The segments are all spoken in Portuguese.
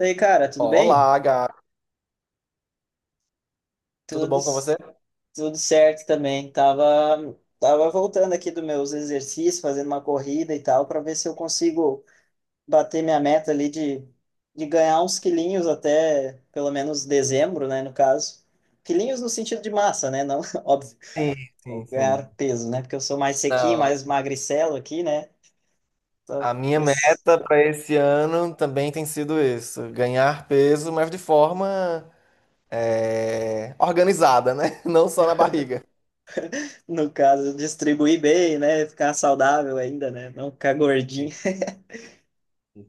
E aí, cara, tudo bem? Olá, gato. Tudo Tudo, bom com você? tudo certo também. Tava voltando aqui dos meus exercícios, fazendo uma corrida e tal, para ver se eu consigo bater minha meta ali de ganhar uns quilinhos até pelo menos dezembro, né, no caso. Quilinhos no sentido de massa, né? Não, óbvio, Sim, sim, ganhar sim. peso, né? Porque eu sou mais sequinho, mais Não. magricelo aqui, né? Então, A minha pois, meta para esse ano também tem sido isso, ganhar peso, mas de forma organizada, né? Não só na barriga. no caso, distribuir bem, né? Ficar saudável ainda, né? Não ficar gordinho.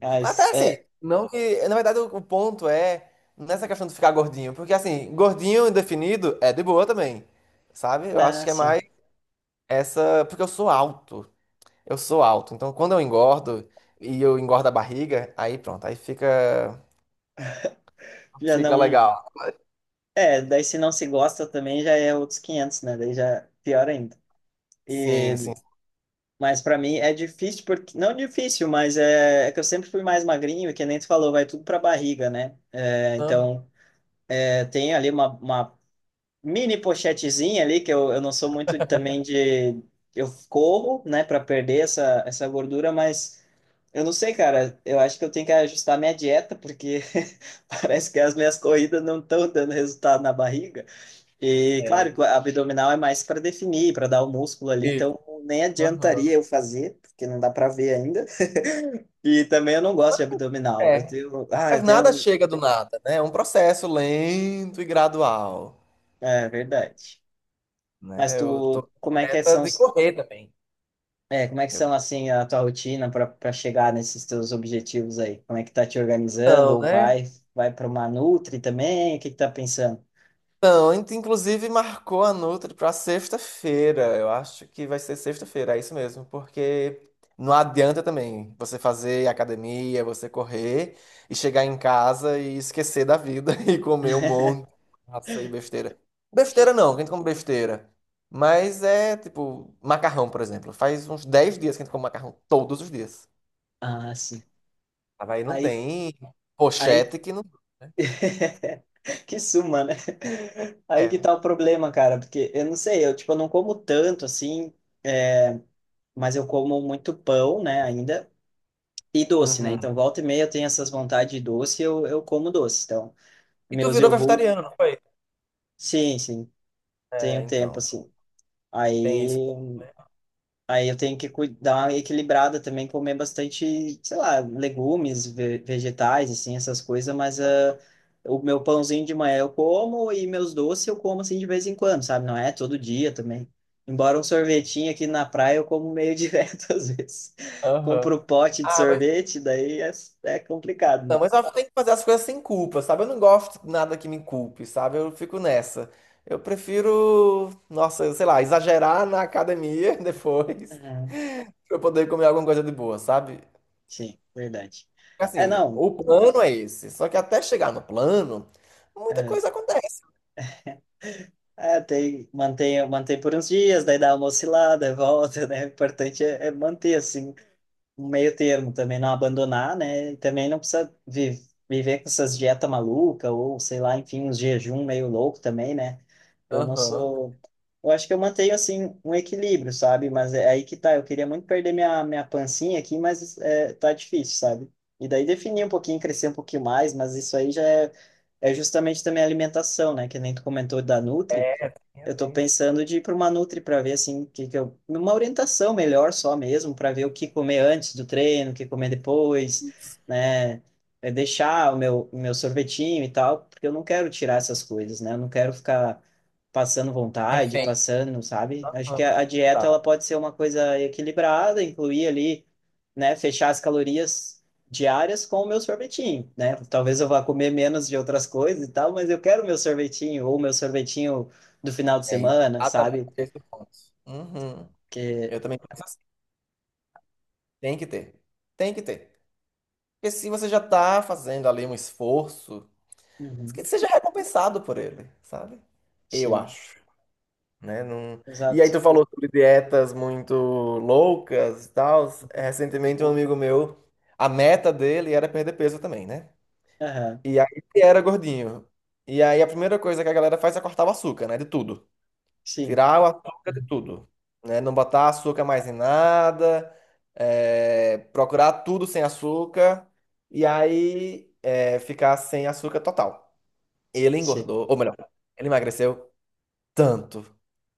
Mas Mas, até assim, não que, na verdade, o ponto é nessa questão de ficar gordinho, porque assim, gordinho e definido é de boa também, sabe? Eu acho ah, que é sim. mais essa, porque eu sou alto, então quando eu engordo e eu engordo a barriga, aí pronto, aí fica Já fica não. legal. É, daí se não se gosta também já é outros quinhentos, né? Daí já é pior ainda. E, Sim, sim. mas para mim é difícil, porque. Não difícil, mas é que eu sempre fui mais magrinho e que nem tu falou, vai tudo pra barriga, né? É, Aham, então, é, tem ali uma mini pochetezinha ali, eu não sou muito também de. Eu corro, né, para perder essa gordura, mas eu não sei, cara. Eu acho que eu tenho que ajustar minha dieta, porque parece que as minhas corridas não estão dando resultado na barriga. E é. claro, que a abdominal é mais para definir, para dar o músculo ali, Isso. então nem adiantaria Aham. eu fazer, porque não dá para ver ainda. E também eu não gosto de abdominal. Eu É. tenho, ah, Mas eu nada tenho, chega do nada, né? É um processo lento e gradual, É verdade. Mas né? Eu tô tu, com como é que meta são, de os- correr também. é, como é que Eu são assim a tua rotina para chegar nesses teus objetivos aí? Como é que tá te organizando não, ou né? Vai para uma nutri também? O que que tá pensando? Não, inclusive marcou a Nutri para sexta-feira. Eu acho que vai ser sexta-feira, é isso mesmo, porque não adianta também você fazer academia, você correr e chegar em casa e esquecer da vida e comer um monte de massa e besteira. Besteira não, que a gente come besteira. Mas é tipo macarrão, por exemplo. Faz uns 10 dias que a gente come macarrão todos os dias. Ah, sim. Aí não Aí tem aí pochete que não Que suma, né? Aí é. que Né? tá o problema, cara, porque eu não sei, eu tipo, eu não como tanto assim, é, mas eu como muito pão, né, ainda, e doce, né? Uhum. Então, volta e meia eu tenho essas vontades de doce, eu como doce. Então, E tu meus virou iogurtes, vegetariano, não foi? sim, sim, tem É, um tempo então. assim. Tem isso também, Aí. né? Aí eu tenho que cui- dar uma equilibrada também, comer bastante, sei lá, legumes, ve- vegetais, assim, essas coisas, mas ah, o meu pãozinho de manhã eu como e meus doces eu como, assim, de vez em quando, sabe? Não é todo dia também. Embora um sorvetinho aqui na praia eu como meio direto às vezes. Aham. Compro um pote de Ah, mas sorvete, daí é, é complicado, não, né? mas eu tenho que fazer as coisas sem culpa, sabe? Eu não gosto de nada que me culpe, sabe? Eu fico nessa. Eu prefiro, nossa, sei lá, exagerar na academia depois Ah, pra eu poder comer alguma coisa de boa, sabe? sim, verdade. É, Assim, não. o plano é esse. Só que até chegar no plano, muita É, coisa acontece. é, tem, mantém por uns dias, daí dá uma oscilada, volta, né? O importante é manter, assim, um meio termo também, não abandonar, né? E também não precisa vi- viver com essas dietas malucas ou, sei lá, enfim, uns jejum meio louco também, né? Eu não Aham. sou... Eu acho que eu mantenho, assim, um equilíbrio, sabe? Mas é aí que tá, eu queria muito perder minha pancinha aqui, mas é, tá difícil, sabe? E daí definir um pouquinho, crescer um pouquinho mais, mas isso aí já é, é justamente também a alimentação, né? Que nem tu comentou da Nutri, É, sim, eu tô assim. pensando de ir para uma Nutri para ver assim que eu, uma orientação melhor só mesmo para ver o que comer antes do treino, o que comer depois, né? É deixar o meu sorvetinho e tal, porque eu não quero tirar essas coisas, né? Eu não quero ficar passando vontade, Refém. passando, sabe? Acho que Aham. A dieta Tá. ela pode ser uma coisa equilibrada, incluir ali, né? Fechar as calorias diárias com o meu sorvetinho, né? Talvez eu vá comer menos de outras coisas e tal, mas eu quero o meu sorvetinho ou o meu sorvetinho do final de É semana, exatamente sabe? esse o ponto. Uhum. Que, Eu também penso assim. Tem que ter. Tem que ter. Porque se você já tá fazendo ali um esforço, que uhum, seja recompensado por ele, sabe? Eu sim, acho, né? Não... E aí exato. tu falou sobre dietas muito loucas e tal. Uhum, Recentemente um amigo meu, a meta dele era perder peso também, né? aham, E aí ele era gordinho. E aí a primeira coisa que a galera faz é cortar o açúcar, né? De tudo. sim, Tirar o açúcar de uhum, tudo, né? Não botar açúcar mais em nada, procurar tudo sem açúcar e aí ficar sem açúcar total. Ele sim. engordou, ou melhor, ele emagreceu tanto,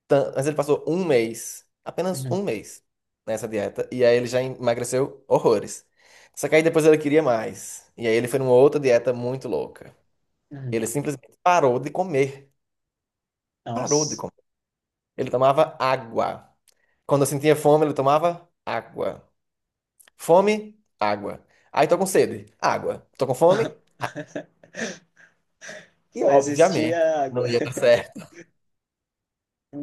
tanto, mas ele passou um mês, apenas Uhum, um mês nessa dieta e aí ele já emagreceu horrores. Só que aí depois ele queria mais e aí ele foi numa outra dieta muito louca. uhum. Ele simplesmente parou de comer, parou de Nossa. comer. Ele tomava água. Quando eu sentia fome, ele tomava água. Fome, água. Aí tô com sede, água. Tô com fome e, Só existia obviamente, água. não ia dar certo.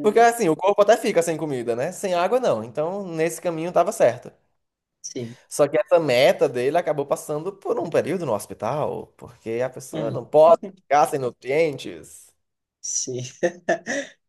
Porque assim, o corpo até fica sem comida, né? Sem água não. Então, nesse caminho tava certo. sim, Só que essa meta dele acabou passando por um período no hospital, porque a pessoa uhum, não pode ficar sem nutrientes. sim.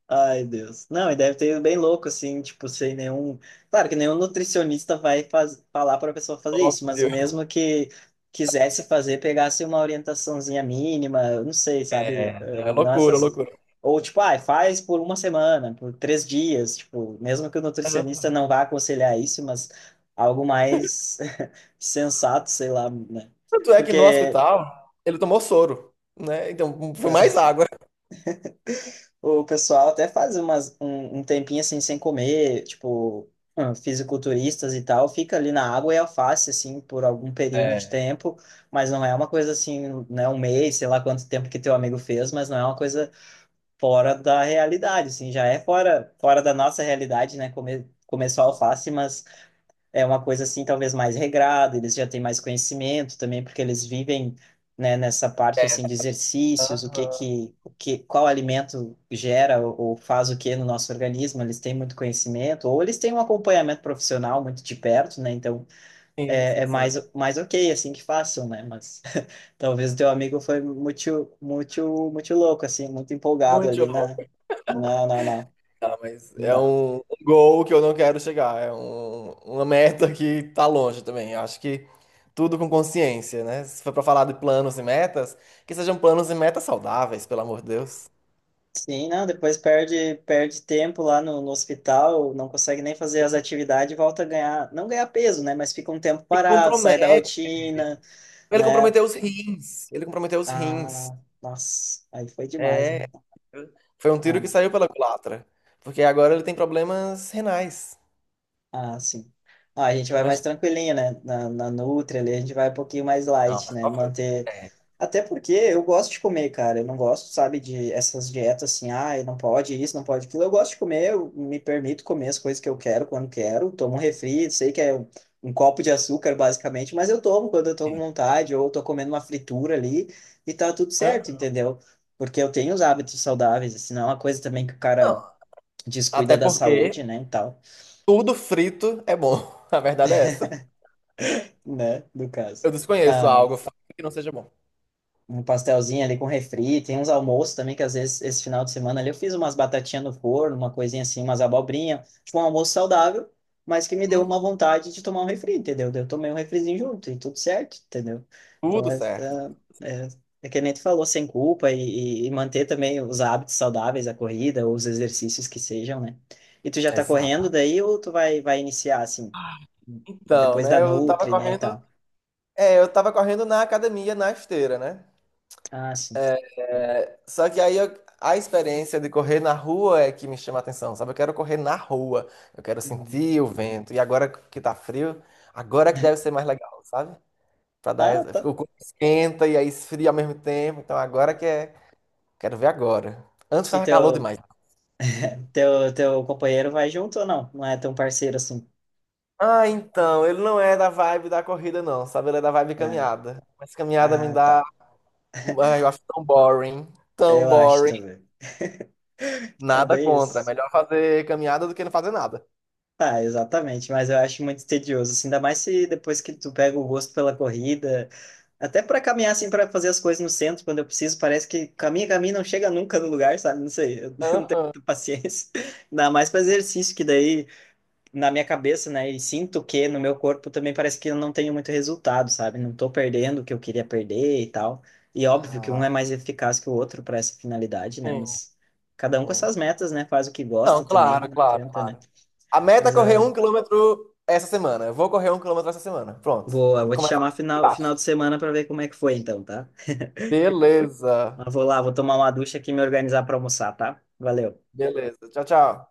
Ai, Deus. Não, e deve ter ido bem louco, assim, tipo, sem nenhum. Claro que nenhum nutricionista vai faz... falar para a pessoa fazer isso, mas Óbvio. mesmo que quisesse fazer, pegasse uma orientaçãozinha mínima, eu não sei, sabe? É, Eh, é não loucura, essas. loucura. Ou, tipo, ai faz por uma semana, por três dias, tipo, mesmo que o nutricionista não Aham. vá aconselhar isso, mas algo mais sensato, sei lá, né? Tanto é que no Porque hospital ele tomou soro, né? Então foi mais água. o pessoal até faz umas, um tempinho assim sem comer, tipo, ah, fisiculturistas e tal, fica ali na água e alface, assim, por algum período de É. tempo, mas não é uma coisa assim, né, um mês, sei lá quanto tempo que teu amigo fez, mas não é uma coisa fora da realidade, assim, já é fora da nossa realidade, né, comer só alface, mas é uma coisa assim talvez mais regrada, eles já têm mais conhecimento também, porque eles vivem, né, nessa parte É. assim de exercícios, Aham. O que qual alimento gera ou faz o que no nosso organismo, eles têm muito conhecimento, ou eles têm um acompanhamento profissional muito de perto, né? Então Sim, é, sim, é sim. Mais ok assim que façam, né? Mas talvez o teu amigo foi muito louco assim, muito empolgado Muito ali na jovem, não, tá? Mas não é dá. Um gol que eu não quero chegar. É uma meta que tá longe também. Eu acho que tudo com consciência, né? Se for pra falar de planos e metas, que sejam planos e metas saudáveis, pelo amor de Deus. Sim, não, depois perde, perde tempo lá no hospital, não consegue nem fazer as atividades e volta a ganhar, não ganhar peso, né? Mas fica um tempo E parado, sai da compromete. rotina, Ele né? comprometeu os rins. Ele comprometeu os rins. Ah, nossa, aí foi demais, né? É. Foi um tiro que Não, saiu pela culatra. Porque agora ele tem problemas renais. ah, sim. Ah, a gente vai mais Imagina. tranquilinho, né? Na Nutri ali, a gente vai um pouquinho mais Não, light, por né? favor. Manter. É. Até porque eu gosto de comer, cara. Eu não gosto, sabe, de essas dietas assim, ah, não pode isso, não pode aquilo. Eu gosto de comer, eu me permito comer as coisas que eu quero quando quero. Tomo um refri, sei que é um copo de açúcar, basicamente, mas eu tomo quando eu tô com vontade, ou eu tô comendo uma fritura ali e tá tudo certo, Hã? entendeu? Porque eu tenho os hábitos saudáveis, assim, não é uma coisa também que o Não. cara Até descuida da saúde, porque né, e tal. tudo frito é bom. A verdade é essa. Né? Do caso. Eu desconheço Na, algo frito que não seja bom. um pastelzinho ali com refri, tem uns almoços também que às vezes esse final de semana ali eu fiz umas batatinhas no forno, uma coisinha assim, umas abobrinha, tipo um almoço saudável, mas que me deu Hum, uma vontade de tomar um refri, entendeu? Daí eu tomei um refrizinho junto e tudo certo, entendeu? Então tudo certo. é, é, é que nem tu falou, sem culpa e manter também os hábitos saudáveis, a corrida ou os exercícios que sejam, né? E tu já tá correndo Exato. daí ou tu vai iniciar assim, Então, depois da né, Nutri, né, e tal? Eu tava correndo na academia, na esteira, né? Ah, sim. Só que a experiência de correr na rua é que me chama a atenção, sabe? Eu quero correr na rua, eu quero Uhum. sentir o vento. E agora que tá frio, agora é que deve ser mais legal, sabe? Ah, tá. O corpo esquenta e aí esfria ao mesmo tempo. Então quero ver agora. Antes E tava calor demais. Teu companheiro vai junto ou não? Não é tão parceiro assim? Ah, então, ele não é da vibe da corrida, não, sabe? Ele é da vibe Ah, caminhada. Mas caminhada me ah, dá. tá. Ai, eu acho tão boring. Tão Eu acho boring. também. É Nada bem contra. É isso. melhor fazer caminhada do que não fazer nada. Ah, exatamente. Mas eu acho muito tedioso, assim, ainda mais se depois que tu pega o gosto pela corrida, até para caminhar, assim, para fazer as coisas no centro, quando eu preciso, parece que caminha, caminha, não chega nunca no lugar, sabe? Não sei, eu não tenho Aham. muita paciência. Ainda mais para exercício, que daí. Na minha cabeça, né? E sinto que no meu corpo também parece que eu não tenho muito resultado, sabe? Não tô perdendo o que eu queria perder e tal. E óbvio que um é Ah, mais eficaz que o outro para essa finalidade, né? sim, Mas cada um com sim. essas metas, né? Faz o que Não, gosta também, claro, não claro, adianta, né? claro. A meta é Mas correr ah, 1 km essa semana. Eu vou correr 1 km essa semana. Pronto. boa, E vou te começa a chamar final participar. de semana para ver como é que foi então, tá? Beleza. Mas vou lá, vou tomar uma ducha aqui e me organizar para almoçar, tá? Valeu. Beleza. Tchau, tchau.